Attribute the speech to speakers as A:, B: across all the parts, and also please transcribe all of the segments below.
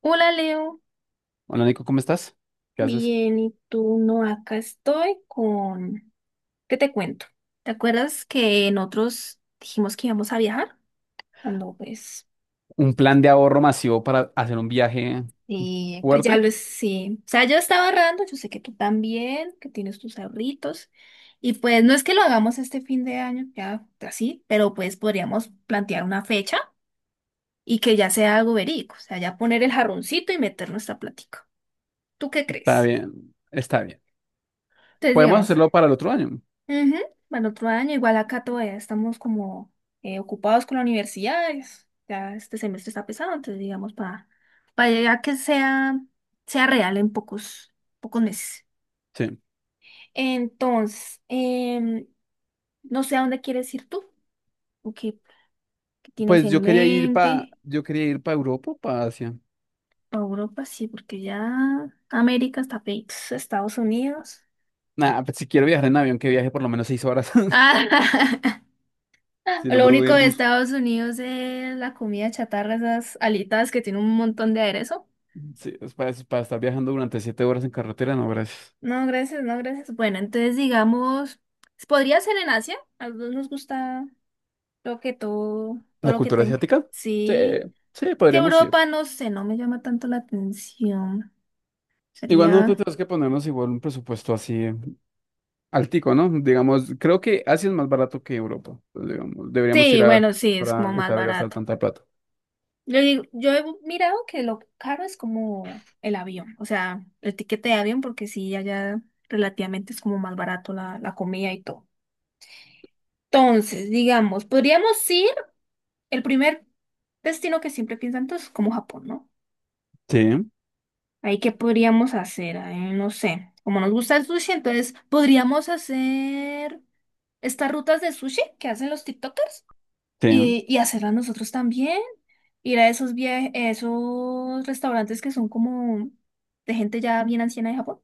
A: Hola Leo,
B: Hola Nico, ¿cómo estás? ¿Qué haces?
A: bien, ¿y tú? No, acá estoy con... ¿Qué te cuento? ¿Te acuerdas que en otros dijimos que íbamos a viajar? Cuando pues,
B: Un plan de ahorro masivo para hacer un viaje
A: y pues ya
B: fuerte.
A: lo es, sí. O sea, yo estaba ahorrando, yo sé que tú también, que tienes tus ahorritos. Y pues no es que lo hagamos este fin de año, ya así, pero pues podríamos plantear una fecha y que ya sea algo verídico. O sea, ya poner el jarroncito y meter nuestra plática. ¿Tú qué
B: Está
A: crees?
B: bien, está bien.
A: Entonces,
B: Podemos
A: digamos...
B: hacerlo para el otro año.
A: Ujú, para el otro año, igual acá todavía estamos como ocupados con la universidad, ya este semestre está pesado, entonces digamos para, llegar a que sea, sea real en pocos meses.
B: Sí.
A: Entonces, no sé a dónde quieres ir tú, o qué tienes
B: Pues yo
A: en
B: quería ir
A: mente,
B: para Europa, para Asia.
A: a Europa sí, porque ya América está Estados Unidos.
B: Nada, pues si quiero viajar en avión, que viaje por lo menos seis horas. Si no
A: Lo
B: me voy
A: único
B: en
A: de
B: bus.
A: Estados Unidos es la comida chatarra, esas alitas que tiene un montón de aderezo.
B: Sí, es para estar viajando durante siete horas en carretera, no, gracias.
A: No, gracias, no, gracias. Bueno, entonces digamos, podría ser en Asia. A los dos nos gusta lo que todo,
B: ¿La
A: lo que
B: cultura
A: tenga.
B: asiática? Sí,
A: Sí,
B: sí,
A: que
B: podríamos ir.
A: Europa, no sé, no me llama tanto la atención.
B: Igual nosotros
A: Sería...
B: tenemos que ponernos igual un presupuesto así altico, ¿no? Digamos, creo que Asia es más barato que Europa. Entonces, digamos, deberíamos ir
A: Sí,
B: a
A: bueno,
B: Asia
A: sí, es
B: para
A: como más
B: evitar gastar
A: barato.
B: tanta plata.
A: Yo digo, yo he mirado que lo caro es como el avión, o sea, el tiquete de avión, porque sí, allá relativamente es como más barato la, comida y todo. Entonces, digamos, podríamos ir el primer destino que siempre piensan todos es como Japón, ¿no?
B: Sí,
A: Ahí, ¿qué podríamos hacer? Ay, no sé. Como nos gusta el sushi, entonces podríamos hacer estas rutas de sushi que hacen los TikTokers
B: sí.
A: y hacerlas nosotros también. Ir a esos esos restaurantes que son como de gente ya bien anciana de Japón,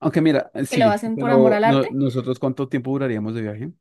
B: Aunque mira,
A: que lo
B: sí,
A: hacen por amor
B: pero
A: al arte.
B: nosotros, ¿cuánto tiempo duraríamos de viaje?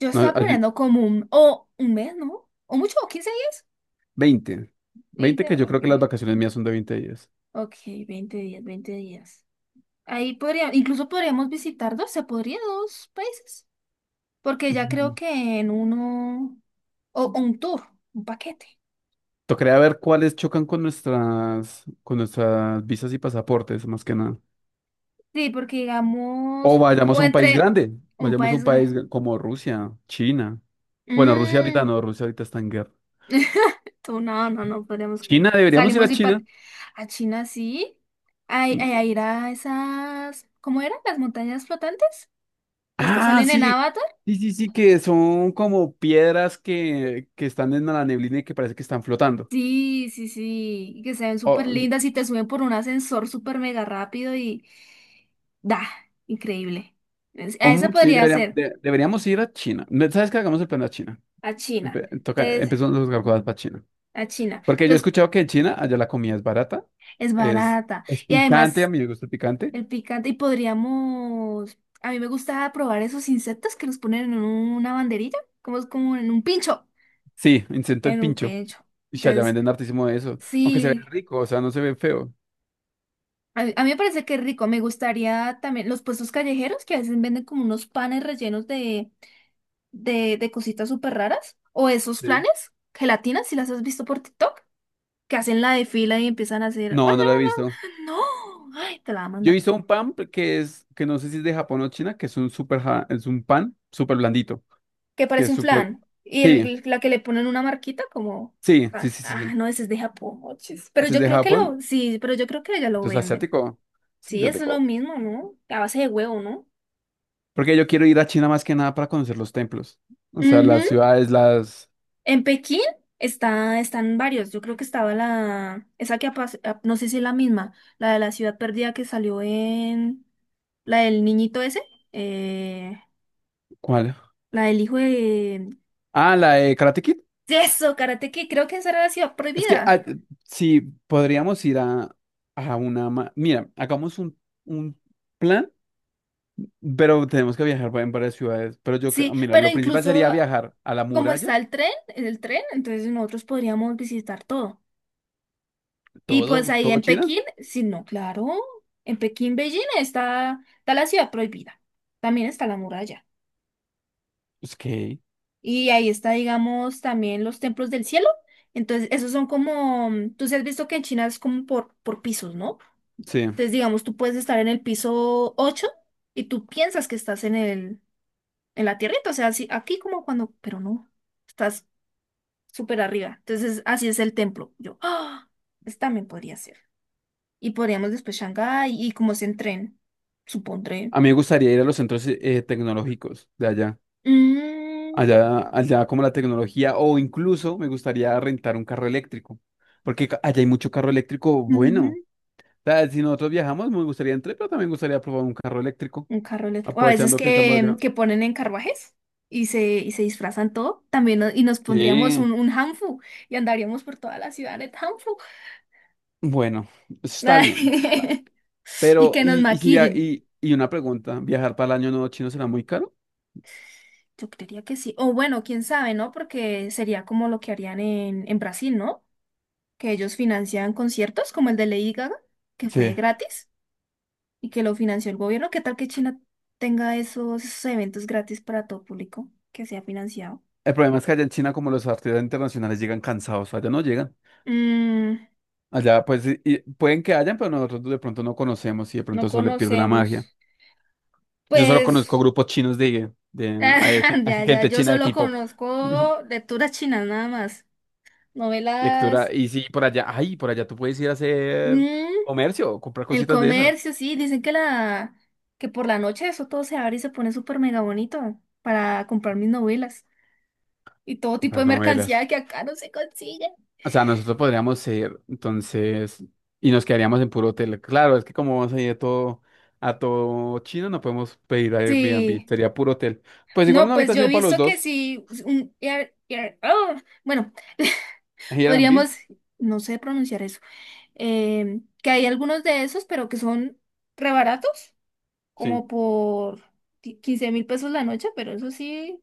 A: Yo
B: No,
A: estaba
B: has vi-
A: planeando como un, o un mes, ¿no? O mucho, o 15 días.
B: 20. 20,
A: Veinte,
B: que yo creo
A: ok.
B: que las vacaciones mías son de 20 días.
A: Ok, 20 días, 20 días. Ahí podría, incluso podríamos visitar dos, se podría dos países. Porque ya creo
B: Ujú.
A: que en uno, o, un tour, un paquete.
B: Tocaría ver cuáles chocan con con nuestras visas y pasaportes, más que nada.
A: Sí, porque
B: O
A: digamos,
B: vayamos
A: o
B: a un país
A: entre
B: grande,
A: un
B: vayamos a
A: país
B: un
A: grande.
B: país como Rusia, China. Bueno, Rusia ahorita
A: Mm.
B: no, Rusia ahorita está en guerra.
A: Tú, no, no, no, podríamos que.
B: China, deberíamos ir
A: Salimos
B: a
A: y pat
B: China.
A: a China sí. a ir a esas, ¿cómo eran? ¿Las montañas flotantes? Las que
B: Ah,
A: salen en
B: sí,
A: Avatar.
B: sí, sí, sí, que son como piedras que están en la neblina y que parece que están flotando.
A: Sí, sí, sí, y que se ven
B: O,
A: súper lindas y te suben por un ascensor súper mega rápido y da, increíble. A esa
B: sí,
A: podría ser.
B: deberíamos ir a China. ¿Sabes qué? Hagamos el plan a China.
A: A China.
B: Toca,
A: Entonces,
B: empezamos los gargoyles para China.
A: a China.
B: Porque yo he
A: Entonces,
B: escuchado que en China allá la comida es barata,
A: es
B: es,
A: barata.
B: es
A: Y
B: picante, a
A: además,
B: mí me gusta el picante.
A: el picante. Y podríamos. A mí me gusta probar esos insectos que los ponen en una banderilla, como es como en un pincho.
B: Sí, intento el
A: En un
B: pincho.
A: pincho.
B: Y allá
A: Entonces,
B: venden hartísimo de eso. Aunque se ve
A: sí.
B: rico, o sea, no se ve feo.
A: a mí, me parece que es rico. Me gustaría también los puestos callejeros que a veces venden como unos panes rellenos de cositas súper raras. O esos
B: Sí.
A: flanes, gelatinas, si las has visto por TikTok. Que hacen la de fila y empiezan a hacer,
B: No, no lo he visto.
A: no, ay, te la va a
B: Yo he
A: mandar,
B: visto un pan que no sé si es de Japón o China, que es un es un pan súper blandito,
A: que
B: que
A: parece
B: es
A: un
B: súper,
A: flan, y
B: sí,
A: el, la que le ponen una marquita como,
B: sí, sí, sí, sí, sí.
A: no, ese es de Japón, ochis. Pero
B: Si es
A: yo
B: de
A: creo que
B: Japón,
A: lo, sí, pero yo creo que ya lo
B: entonces
A: venden.
B: asiático, sí,
A: Sí, eso es lo
B: asiático.
A: mismo, ¿no? A base de huevo, ¿no?
B: Porque yo quiero ir a China más que nada para conocer los templos, o sea, las
A: Ujú.
B: ciudades,
A: En Pekín está, están varios. Yo creo que estaba la, esa que no sé si es la misma, la de la ciudad perdida que salió en, la del niñito ese, eh,
B: ¿cuál?
A: la del hijo de,
B: Ah, la de Karate Kid.
A: eso, Karate Kid, creo que esa era la ciudad
B: Es que, ah,
A: prohibida.
B: sí, podríamos ir mira, hagamos un plan, pero tenemos que viajar en varias ciudades, pero yo,
A: Sí,
B: mira,
A: pero
B: lo principal
A: incluso
B: sería viajar a la
A: como
B: muralla.
A: está el tren, entonces nosotros podríamos visitar todo. Y pues
B: ¿Todo?
A: ahí
B: ¿Todo
A: en
B: China?
A: Pekín, sí, no, claro, en Pekín, Beijing está, está la ciudad prohibida. También está la muralla.
B: Ok,
A: Y ahí está, digamos, también los templos del cielo. Entonces, esos son como, mm, tú sí has visto que en China es como por pisos, ¿no?
B: sí.
A: Entonces, digamos, tú puedes estar en el piso 8 y tú piensas que estás en el, en la tierrita, o sea, así, aquí como cuando, pero no, estás súper arriba. Entonces, así es el templo. Yo, ah, esta también podría ser. Y podríamos después Shanghái y como es en tren, supondré.
B: A mí me gustaría ir a los centros tecnológicos de allá.
A: Mm,
B: Allá como la tecnología, o incluso me gustaría rentar un carro eléctrico, porque allá hay mucho carro eléctrico
A: ujú,
B: bueno. O sea, si nosotros viajamos, me gustaría entrar, pero también me gustaría probar un carro eléctrico,
A: un carro eléctrico. O a veces
B: aprovechando que estamos
A: que,
B: allá.
A: que ponen en carruajes y se disfrazan todo. También y nos pondríamos
B: Sí,
A: un hanfu y andaríamos por toda la ciudad en hanfu.
B: bueno, eso está bien.
A: Y
B: Pero,
A: que nos
B: y si via-
A: maquillen.
B: y una pregunta, ¿viajar para el año nuevo chino será muy caro?
A: Yo creería que sí. O bueno, quién sabe, ¿no? Porque sería como lo que harían en, Brasil, ¿no? Que ellos financian conciertos como el de Lady Gaga, que fue
B: Sí.
A: gratis y que lo financió el gobierno. ¿Qué tal que China tenga esos eventos gratis para todo público que sea financiado?
B: El problema es que allá en China, como los artistas internacionales llegan cansados, allá no llegan.
A: Mm,
B: Allá, pues, y pueden que hayan, pero nosotros de pronto no conocemos y de pronto
A: no
B: eso le pierde la
A: conocemos.
B: magia. Yo solo conozco
A: Pues,
B: grupos chinos hay
A: ya, ya,
B: gente
A: yo
B: china de
A: solo
B: K-pop.
A: conozco lecturas chinas nada más.
B: Lectura.
A: Novelas.
B: Y sí, por allá, ay, por allá tú puedes ir a hacer
A: Mm,
B: comercio, comprar
A: el
B: cositas de esas,
A: comercio, sí, dicen que la que por la noche eso todo se abre y se pone súper mega bonito para comprar mis novelas y todo tipo
B: comprar
A: de mercancía
B: novelas.
A: que acá no se consigue.
B: O sea, nosotros podríamos ser entonces, y nos quedaríamos en puro hotel. Claro, es que como vamos a ir a todo chino, no podemos pedir Airbnb,
A: Sí.
B: sería puro hotel. Pues igual
A: No,
B: una
A: pues yo he
B: habitación para los
A: visto que
B: dos,
A: sí oh, bueno,
B: Airbnb,
A: podríamos, no sé pronunciar eso, que hay algunos de esos, pero que son rebaratos,
B: sí.
A: como por 15.000 pesos la noche, pero eso sí,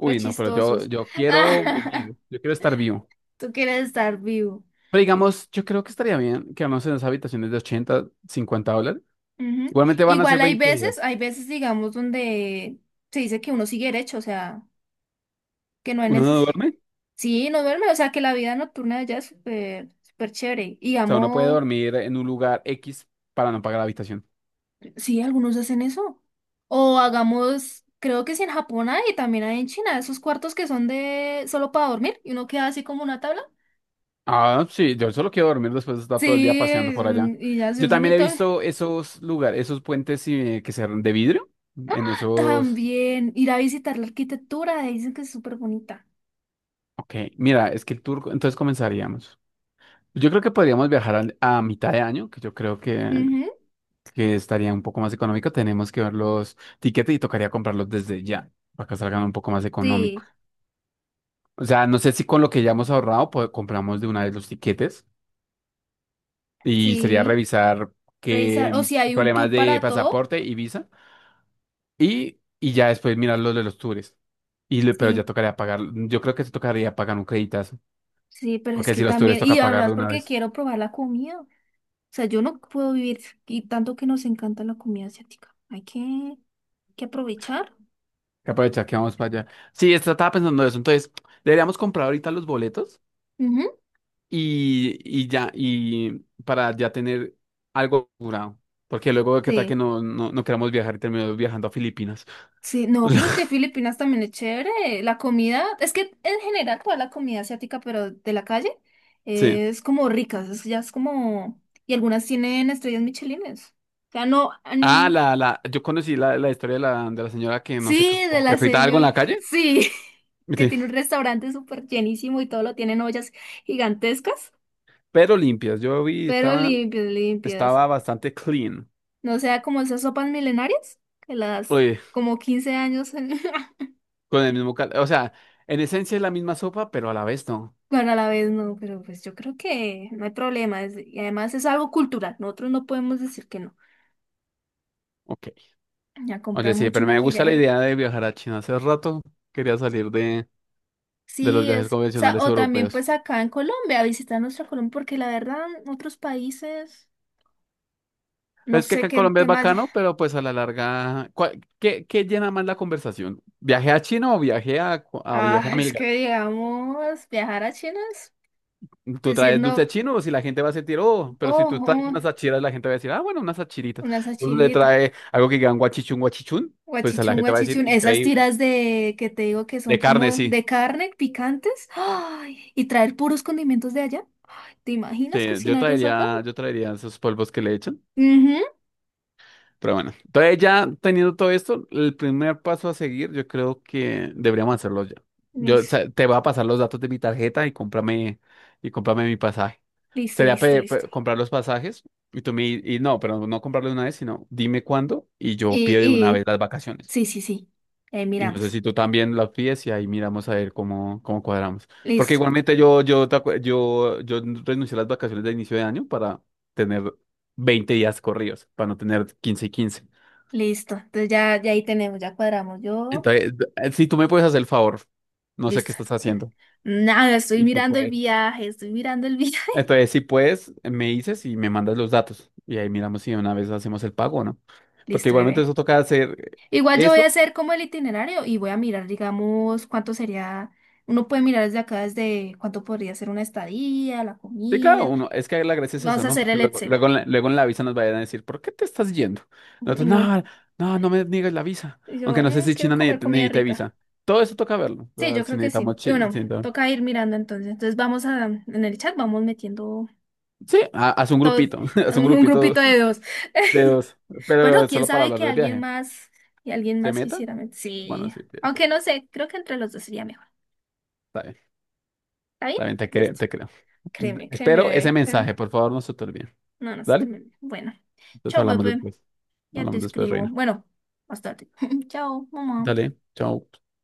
A: re
B: no,
A: chistosos.
B: yo quiero vivir, yo quiero estar vivo.
A: ¿Tú quieres estar vivo?
B: Pero digamos, yo creo que estaría bien quedarnos en esas habitaciones de 80 50 dólares.
A: Ujú.
B: Igualmente van a ser
A: Igual
B: 20 días.
A: hay veces, digamos, donde se dice que uno sigue derecho, o sea, que no hay
B: Uno no
A: necesidad.
B: duerme, o
A: Sí, no duerme, o sea, que la vida nocturna de allá es súper, súper chévere. Y
B: sea, uno puede
A: digamos,
B: dormir en un lugar X para no pagar la habitación.
A: sí, algunos hacen eso. O hagamos, creo que sí en Japón hay, y también hay en China, esos cuartos que son de solo para dormir, y uno queda así como una tabla.
B: Ah, sí, yo solo quiero dormir después de estar todo el día
A: Sí,
B: paseando
A: es
B: por allá.
A: y ya se
B: Yo
A: hace un
B: también he
A: hito.
B: visto esos lugares, esos puentes que se de vidrio, en esos...
A: También ir a visitar la arquitectura, dicen que es súper bonita.
B: Ok, mira, es que el tour, entonces comenzaríamos. Yo creo que podríamos viajar a mitad de año, que yo creo
A: Ujú,
B: que estaría un poco más económico, tenemos que ver los tiquetes y tocaría comprarlos desde ya, para que salgan un poco más económicos.
A: sí,
B: O sea, no sé si con lo que ya hemos ahorrado, pues compramos de una vez los tiquetes y sería
A: sí.
B: revisar qué
A: Revisar, o si hay un
B: problemas
A: tour
B: de
A: para todo.
B: pasaporte y visa y ya después mirar los de los tours. Y, pero ya
A: Sí,
B: tocaría pagar, yo creo que se tocaría pagar un creditazo,
A: sí, pero es
B: porque
A: que
B: si los tours
A: también, y
B: toca
A: además
B: pagarlo una
A: porque
B: vez.
A: quiero probar la comida. O sea, yo no puedo vivir, y tanto que nos encanta la comida asiática. Hay que aprovechar.
B: Que aprovechar que vamos para allá. Sí, esto estaba pensando eso, entonces, ¿deberíamos comprar ahorita los boletos?
A: Ujú,
B: Y para ya tener algo curado. Porque luego, ¿qué tal que
A: sí,
B: no queramos viajar y terminamos viajando a Filipinas?
A: sí, no, pero es que Filipinas también es chévere. La comida, es que en general toda la comida asiática, pero de la calle,
B: O sea, sí.
A: es como rica, ya es como, y algunas tienen estrellas michelines. O sea, no,
B: Ah,
A: mm,
B: yo conocí la historia de de la señora que no sé, qué,
A: sí, de
B: como que
A: la
B: frita algo en
A: señora.
B: la calle,
A: Sí, que
B: sí,
A: tiene un restaurante súper llenísimo y todo lo tienen ollas gigantescas,
B: pero limpias. Yo vi,
A: pero
B: estaba,
A: limpias, limpias.
B: estaba bastante clean.
A: No sea como esas sopas milenarias, que las
B: Oye,
A: como 15 años.
B: con el mismo o sea, en esencia es la misma sopa, pero a la vez no.
A: Bueno, a la vez no, pero pues yo creo que no hay problema. Y además es algo cultural. Nosotros no podemos decir que no.
B: Ok.
A: Y a
B: Oye,
A: comprar
B: sí,
A: mucho
B: pero me gusta la
A: maquillaje.
B: idea de viajar a China. Hace rato quería salir de los
A: Sí,
B: viajes
A: es. O sea,
B: convencionales
A: o también
B: europeos.
A: pues acá en Colombia, visitar nuestra Colombia, porque la verdad, otros países, no
B: Pues es que
A: sé
B: acá en
A: qué
B: Colombia es
A: temas.
B: bacano, pero pues a la larga, qué, ¿qué llena más la conversación? ¿Viaje a China o viaje a viaje
A: Ah,
B: a
A: es
B: Milgar?
A: que digamos, viajar a China es
B: ¿Tú
A: decir
B: traes
A: no,
B: dulce chino o si la gente va a sentir, oh, pero si
A: oh,
B: tú traes
A: oh,
B: unas achiras, la gente va a decir, ah, bueno, unas achiritas.
A: una
B: Uno le
A: sachirita,
B: trae algo que digan guachichun, guachichun, pues a la
A: guachichún,
B: gente va a decir,
A: guachichún, esas
B: increíble.
A: tiras de que te digo que son
B: De carne,
A: como
B: sí.
A: de carne, picantes, ay, y traer puros condimentos de allá. ¿Te
B: Sí,
A: imaginas cocinar eso acá?
B: yo traería esos polvos que le echan.
A: Mhm.
B: Pero bueno, entonces ya teniendo todo esto, el primer paso a seguir, yo creo que deberíamos hacerlo ya. Yo, o
A: Listo,
B: sea, te voy a pasar los datos de mi tarjeta y y cómprame mi pasaje.
A: listo,
B: Sería
A: listo, listo.
B: comprar los pasajes y no, pero no comprarlo de una vez, sino dime cuándo y yo
A: Y,
B: pido de una vez
A: y,
B: las vacaciones.
A: sí, sí, sí, ahí
B: Y no sé
A: miramos.
B: si tú también las pides y ahí miramos a ver cómo, cómo cuadramos. Porque
A: Listo,
B: igualmente yo, yo, te acu- yo renuncié a las vacaciones de inicio de año para tener 20 días corridos, para no tener 15 y quince.
A: listo. Entonces ya, ya ahí tenemos, ya cuadramos. Yo,
B: Entonces, si tú me puedes hacer el favor, no sé qué
A: listo.
B: estás haciendo.
A: Nada, estoy
B: Y tú
A: mirando el
B: puedes.
A: viaje, estoy mirando el viaje.
B: Entonces, si puedes, me dices y me mandas los datos. Y ahí miramos si de una vez hacemos el pago o no. Porque
A: Listo,
B: igualmente
A: bebé.
B: eso toca hacer
A: Igual yo voy
B: eso.
A: a hacer como el itinerario y voy a mirar, digamos, cuánto sería, uno puede mirar desde acá, desde cuánto podría ser una estadía, la
B: Sí, claro,
A: comida.
B: uno, es que la gracia es eso,
A: Vamos a
B: ¿no?
A: hacer
B: Porque
A: el Excel.
B: luego en la visa nos vayan a decir, ¿por qué te estás yendo?
A: Y
B: Nosotros,
A: no,
B: no me niegues la visa.
A: y
B: Aunque
A: yo
B: no sé
A: "Mm,
B: si
A: quiero
B: China
A: comer comida
B: necesita
A: rica".
B: visa. Todo eso toca verlo. O
A: Sí,
B: sea,
A: yo
B: si
A: creo que sí.
B: necesitamos
A: Y bueno,
B: si
A: toca ir mirando entonces. Entonces vamos a, en el chat vamos metiendo
B: sí, haz un
A: todos,
B: grupito, haz un
A: un
B: grupito
A: grupito de dos.
B: de dos,
A: Bueno,
B: pero
A: quién
B: solo para
A: sabe
B: hablar
A: que
B: del
A: alguien
B: viaje.
A: más, y alguien
B: ¿Se
A: más
B: meta?
A: quisiera
B: Bueno,
A: sí,
B: sí, tienes
A: aunque
B: toda.
A: no sé, creo que entre los dos sería mejor.
B: Está bien,
A: ¿Está bien?
B: está bien, te creo,
A: Listo.
B: te creo.
A: Créeme, créeme,
B: Pero ese
A: bebé,
B: mensaje,
A: créeme.
B: por favor, no se te olvide.
A: No, no se te
B: Dale,
A: me... Bueno,
B: entonces
A: chao,
B: hablamos
A: bebé.
B: después.
A: Ya te
B: Hablamos después,
A: escribo.
B: Reina.
A: Bueno, más tarde. Chao, mamá.
B: Dale, chao.